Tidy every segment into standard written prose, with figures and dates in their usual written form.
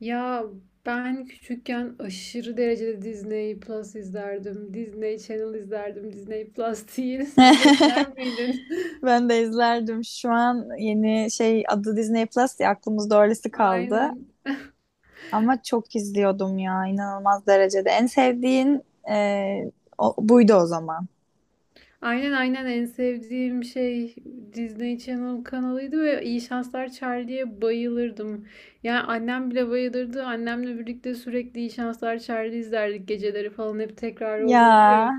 Ya, ben küçükken aşırı derecede Disney Plus izlerdim. Disney Channel izlerdim. Disney Plus değil. Sen de izler miydin? Ben de izlerdim. Şu an yeni şey adı Disney Plus ya aklımızda öylesi kaldı. Aynen. Ama çok izliyordum ya inanılmaz derecede. En sevdiğin e, o- buydu o zaman. Aynen, aynen, en sevdiğim şey Disney Channel kanalıydı ve İyi Şanslar Charlie'ye bayılırdım. Yani annem bile bayılırdı. Annemle birlikte sürekli İyi Şanslar Charlie izlerdik, geceleri falan hep tekrar olurdu Ya ya.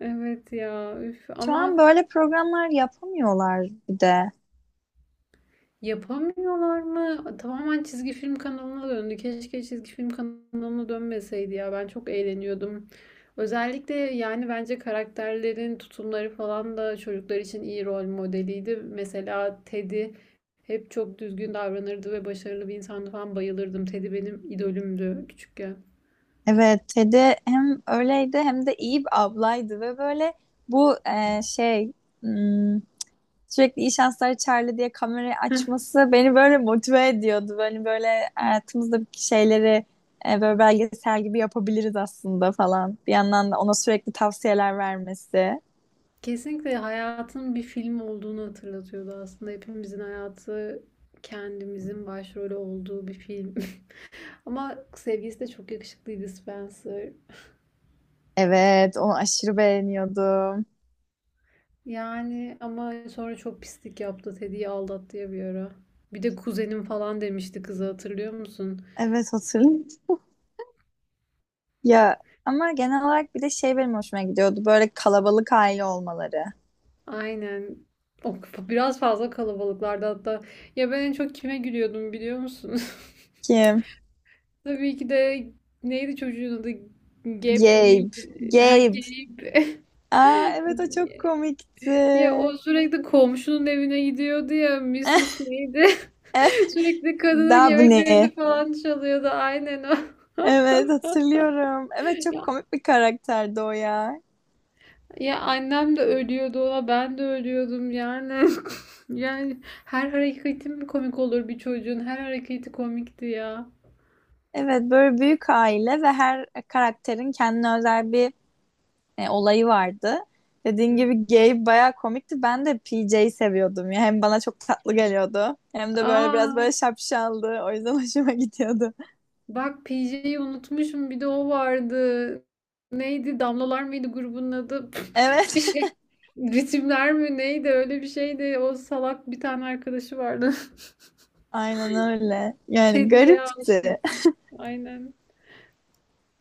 Evet ya, üf, şu ama... an böyle programlar yapamıyorlar bir de. Yapamıyorlar mı? Tamamen çizgi film kanalına döndü. Keşke çizgi film kanalına dönmeseydi ya. Ben çok eğleniyordum. Özellikle yani bence karakterlerin tutumları falan da çocuklar için iyi rol modeliydi. Mesela Teddy hep çok düzgün davranırdı ve başarılı bir insandı falan, bayılırdım. Teddy benim idolümdü küçükken. Evet Ted'i hem öyleydi hem de iyi bir ablaydı ve böyle bu hmm, sürekli iyi şanslar Charlie diye kamerayı açması beni böyle motive ediyordu. Böyle böyle hayatımızdaki şeyleri böyle belgesel gibi yapabiliriz aslında falan. Bir yandan da ona sürekli tavsiyeler vermesi. Kesinlikle hayatın bir film olduğunu hatırlatıyordu aslında. Hepimizin hayatı kendimizin başrolü olduğu bir film. Ama sevgilisi de çok yakışıklıydı, Spencer. Evet, onu aşırı beğeniyordum. Yani ama sonra çok pislik yaptı. Teddy'yi aldattı ya bir ara. Bir de kuzenim falan demişti kıza, hatırlıyor musun? Evet, hatırlıyorum. Ya ama genel olarak bir de şey benim hoşuma gidiyordu. Böyle kalabalık aile olmaları. Aynen. O biraz fazla kalabalıklardı hatta. Ya, ben en çok kime gülüyordum biliyor musun? Kim? Tabii ki de neydi çocuğun adı? Geb Gabe. miydi? Ha, Gabe. Gabe. Aa evet o çok komikti. Ya, o sürekli komşunun evine gidiyordu ya, Mrs. neydi? Eh, Sürekli kadının Dabney. yemeklerini falan çalıyordu. Aynen o. Evet hatırlıyorum. Evet çok Ya, komik bir karakterdi o ya. ya annem de ölüyordu ona, ben de ölüyordum yani. Yani her hareketi mi komik olur bir çocuğun? Her hareketi komikti ya. Evet böyle büyük aile ve her karakterin kendine özel bir olayı vardı. Dediğin Hı. gibi Gabe bayağı komikti. Ben de PJ'yi seviyordum ya. Hem bana çok tatlı geliyordu. Hem de böyle biraz Aa, böyle şapşaldı. O yüzden hoşuma gidiyordu. bak, PJ'yi unutmuşum, bir de o vardı. Neydi? Damlalar mıydı grubun adı? Bir Evet. şey. Ritimler mi neydi, öyle bir şeydi. O salak bir tane arkadaşı vardı. Aynen öyle. Yani Teddy'ye garipti. aşıktım. Aynen.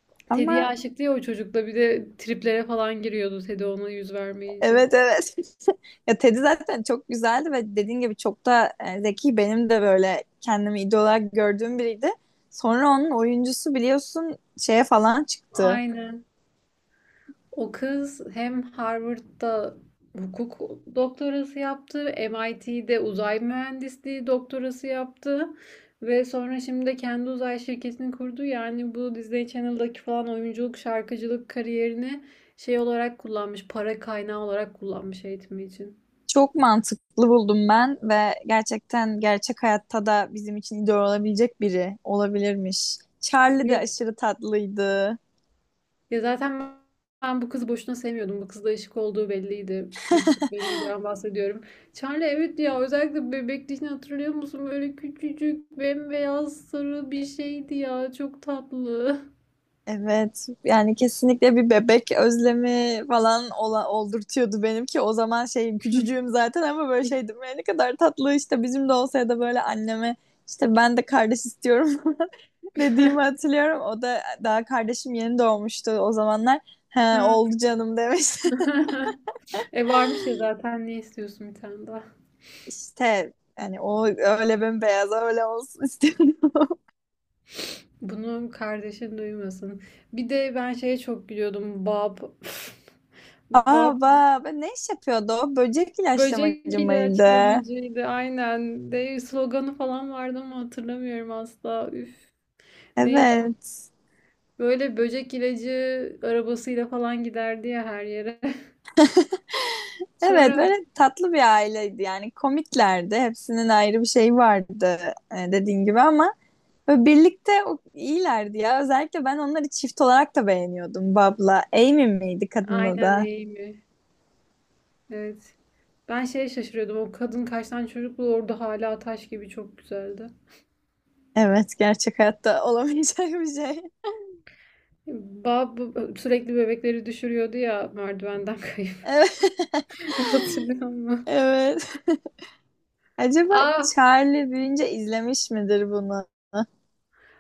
Teddy'ye Ama aşıktı ya o çocukla, bir de triplere falan giriyordu Teddy ona yüz vermeyince. evet evet. Ya Teddy zaten çok güzeldi ve dediğin gibi çok da zeki. Benim de böyle kendimi idol olarak gördüğüm biriydi. Sonra onun oyuncusu biliyorsun şeye falan çıktı. Aynen. O kız hem Harvard'da hukuk doktorası yaptı, MIT'de uzay mühendisliği doktorası yaptı ve sonra şimdi de kendi uzay şirketini kurdu. Yani bu Disney Channel'daki falan oyunculuk, şarkıcılık kariyerini şey olarak kullanmış, para kaynağı olarak kullanmış eğitimi için. Çok mantıklı buldum ben ve gerçekten gerçek hayatta da bizim için idol olabilecek biri olabilirmiş. Charlie Ya. de aşırı tatlıydı. Ya zaten ben bu kızı boşuna sevmiyordum. Bu kızla ışık olduğu belliydi. Bir çiftlikten bahsediyorum. Charlie, evet ya, özellikle bebekliğini hatırlıyor musun? Böyle küçücük bembeyaz sarı bir şeydi ya. Çok tatlı. Evet yani kesinlikle bir bebek özlemi falan oldurtuyordu benim ki o zaman şeyim küçücüğüm zaten ama böyle şeydim "Ya ne kadar tatlı işte bizim de olsa ya da böyle anneme işte ben de kardeş istiyorum dediğimi hatırlıyorum." O da daha kardeşim yeni doğmuştu o zamanlar. He oldu canım demiş. E varmış ya zaten, ne istiyorsun bir tane daha. İşte yani o öyle bembeyaz öyle olsun istiyorum. Bunu kardeşin duymasın. Bir de ben şeye çok gülüyordum. Bob. Bob, Aa bak ne iş yapıyordu o? Böcek ilaçlamacı böcek mıydı? ilaçlamacıydı aynen. De sloganı falan vardı ama hatırlamıyorum asla. Üf. Neydi? Evet. Böyle böcek ilacı arabasıyla falan giderdi ya her yere. Evet Sonra, böyle tatlı bir aileydi yani komiklerdi hepsinin ayrı bir şeyi vardı, dediğin gibi ama böyle birlikte o- iyilerdi ya, özellikle ben onları çift olarak da beğeniyordum. Bob'la Amy miydi kadını aynen, da? Amy. Evet. Ben şeye şaşırıyordum. O kadın kaç tane çocuklu orada hala taş gibi çok güzeldi. Evet gerçek hayatta olamayacak bir şey. Bab sürekli bebekleri düşürüyordu ya merdivenden kayıp. Evet, Hatırlıyor musun? evet. Acaba Aa, Charlie büyüyünce izlemiş midir bunu?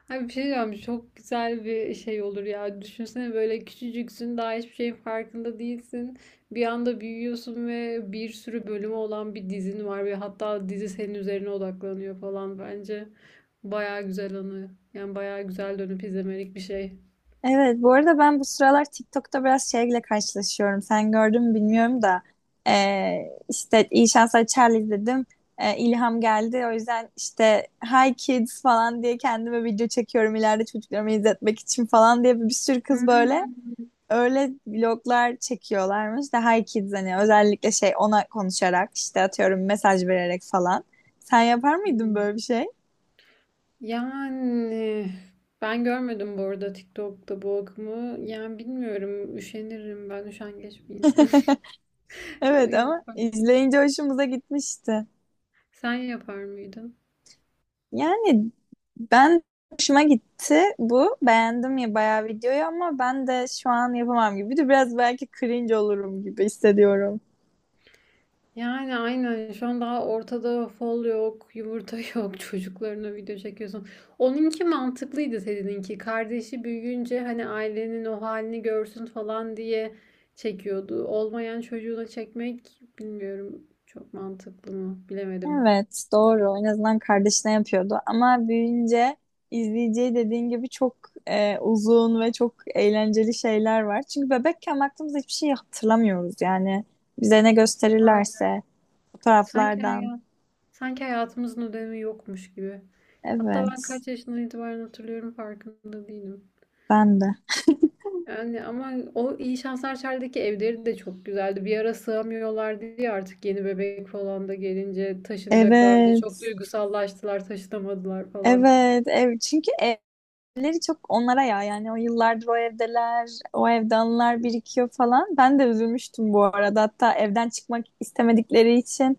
abi bir şey diyeceğim, çok güzel bir şey olur ya. Düşünsene böyle küçücüksün, daha hiçbir şeyin farkında değilsin. Bir anda büyüyorsun ve bir sürü bölümü olan bir dizin var ve hatta dizi senin üzerine odaklanıyor falan bence. Baya güzel anı. Yani baya güzel dönüp izlemelik bir şey. Evet, bu arada ben bu sıralar TikTok'ta biraz şeyle karşılaşıyorum. Sen gördün mü bilmiyorum da işte İyi Şanslar Charlie dedim. İlham geldi. O yüzden işte Hi Kids falan diye kendime video çekiyorum ileride çocuklarıma izletmek için falan diye. Bir sürü kız böyle Hmm. öyle vloglar çekiyorlarmış da Hi Kids, hani özellikle şey ona konuşarak işte atıyorum mesaj vererek falan. Sen yapar mıydın böyle bir şey? Yani ben görmedim bu arada TikTok'ta bu akımı. Yani bilmiyorum, üşenirim, ben üşengeç bir insanım. Evet ama Yok bak, izleyince hoşumuza gitmişti. sen yapar mıydın? Yani ben, hoşuma gitti bu. Beğendim ya bayağı videoyu ama ben de şu an yapamam gibi. Bir de biraz belki cringe olurum gibi hissediyorum. Yani aynen şu an daha ortada fol yok, yumurta yok, çocuklarına video çekiyorsun. Onunki mantıklıydı, seninki. Kardeşi büyüyünce hani ailenin o halini görsün falan diye çekiyordu. Olmayan çocuğuna çekmek bilmiyorum çok mantıklı mı, bilemedim. Evet doğru. En azından kardeşine yapıyordu. Ama büyüyünce izleyeceği dediğin gibi çok uzun ve çok eğlenceli şeyler var. Çünkü bebekken baktığımızda hiçbir şey hatırlamıyoruz yani. Bize ne Aynen. gösterirlerse Sanki, fotoğraflardan. hayat, sanki hayatımızın ödemi yokmuş gibi. Hatta ben Evet kaç yaşından itibaren hatırlıyorum farkında değilim. ben de. Yani ama o iyi Şanslar Çay'daki evleri de çok güzeldi. Bir ara sığamıyorlardı diye artık yeni bebek falan da gelince taşınacaklardı. Çok Evet. duygusallaştılar, taşınamadılar falan. Evet, ev çünkü evleri çok onlara ya, yani o yıllardır o evdeler, o evde anılar birikiyor falan. Ben de üzülmüştüm bu arada. Hatta evden çıkmak istemedikleri için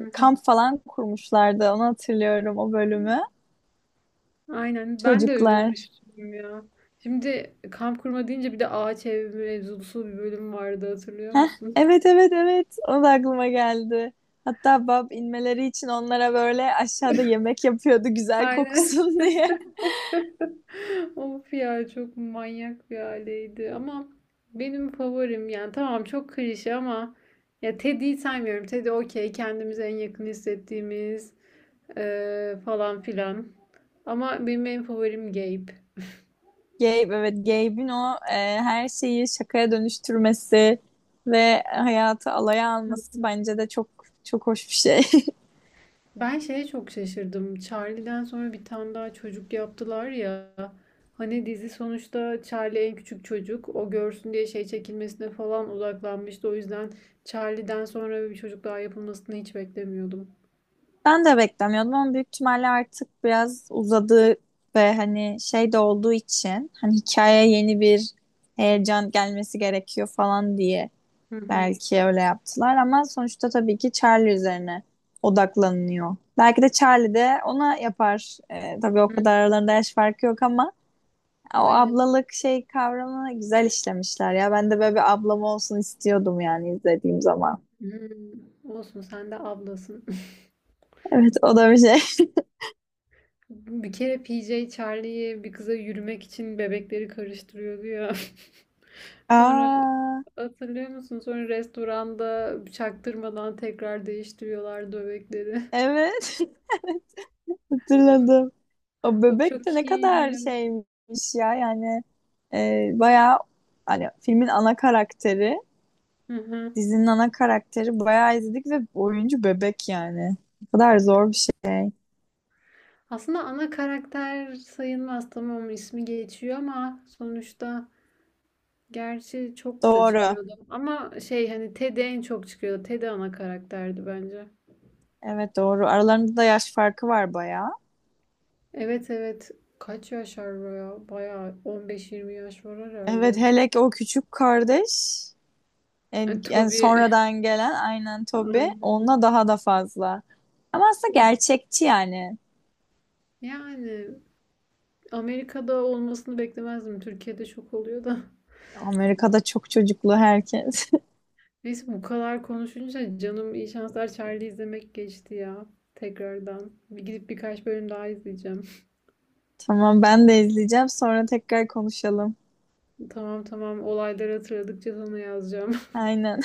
Hı hı. kamp falan kurmuşlardı. Onu hatırlıyorum, o bölümü. Aynen, ben de Çocuklar. üzülmüştüm ya. Şimdi kamp kurma deyince bir de ağaç ev mevzusu bir bölüm vardı, hatırlıyor Heh, musun? evet evet evet. O da aklıma geldi. Hatta Bab inmeleri için onlara böyle aşağıda yemek yapıyordu, güzel Aynen. kokusun diye. Of ya, çok manyak bir aileydi ama benim favorim yani, tamam çok klişe ama, ya Teddy'yi saymıyorum. Teddy okey, kendimize en yakın hissettiğimiz falan filan. Ama benim en favorim Gabe. Gabe, evet Gabe'in o her şeyi şakaya dönüştürmesi ve hayatı alaya alması bence de çok çok hoş bir şey. Ben şeye çok şaşırdım. Charlie'den sonra bir tane daha çocuk yaptılar ya. Hani dizi sonuçta Charlie en küçük çocuk. O görsün diye şey çekilmesine falan odaklanmıştı. O yüzden Charlie'den sonra bir çocuk daha yapılmasını hiç beklemiyordum. Ben de beklemiyordum ama büyük ihtimalle artık biraz uzadı ve hani şey de olduğu için hani hikayeye yeni bir heyecan gelmesi gerekiyor falan diye Hı hı. belki öyle yaptılar. Ama sonuçta tabii ki Charlie üzerine odaklanıyor. Belki de Charlie de ona yapar. E, tabii o Hı. kadar aralarında yaş farkı yok ama o Aynen. ablalık şey kavramı güzel işlemişler ya. Ben de böyle bir ablam olsun istiyordum yani izlediğim zaman. Hmm. Olsun, sen de ablasın. Evet o da bir şey. Bir kere PJ Charlie'yi bir kıza yürümek için bebekleri karıştırıyordu ya. Sonra, Aa hatırlıyor musun? Sonra restoranda çaktırmadan tekrar değiştiriyorlar dövekleri. evet. Evet, hatırladım. O O bebek de ne çok iyiydi kadar ya. şeymiş ya, yani bayağı hani filmin ana karakteri, Hı hı. dizinin ana karakteri, bayağı izledik ve oyuncu bebek yani. Ne kadar zor bir şey. Aslında ana karakter sayılmaz, tamam ismi geçiyor ama sonuçta, gerçi çok da Doğru. çıkıyordu. Ama şey hani Ted'e en çok çıkıyordu. Ted ana karakterdi bence. Evet doğru. Aralarında da yaş farkı var bayağı. Evet, evet. Kaç yaş var ya? Bayağı 15-20 yaş var Evet herhalde. hele ki o küçük kardeş. En- Yani yani Toby. sonradan gelen, aynen Toby, Aynen. onunla daha da fazla. Ama aslında gerçekçi yani. Yani Amerika'da olmasını beklemezdim. Türkiye'de çok oluyor da. Amerika'da çok çocuklu herkes. Neyse bu kadar konuşunca canım iyi şanslar Charlie izlemek geçti ya. Tekrardan. Bir gidip birkaç bölüm daha izleyeceğim. Tamam ben de izleyeceğim, sonra tekrar konuşalım. Tamam, tamam, olayları hatırladıkça sana yazacağım. Aynen.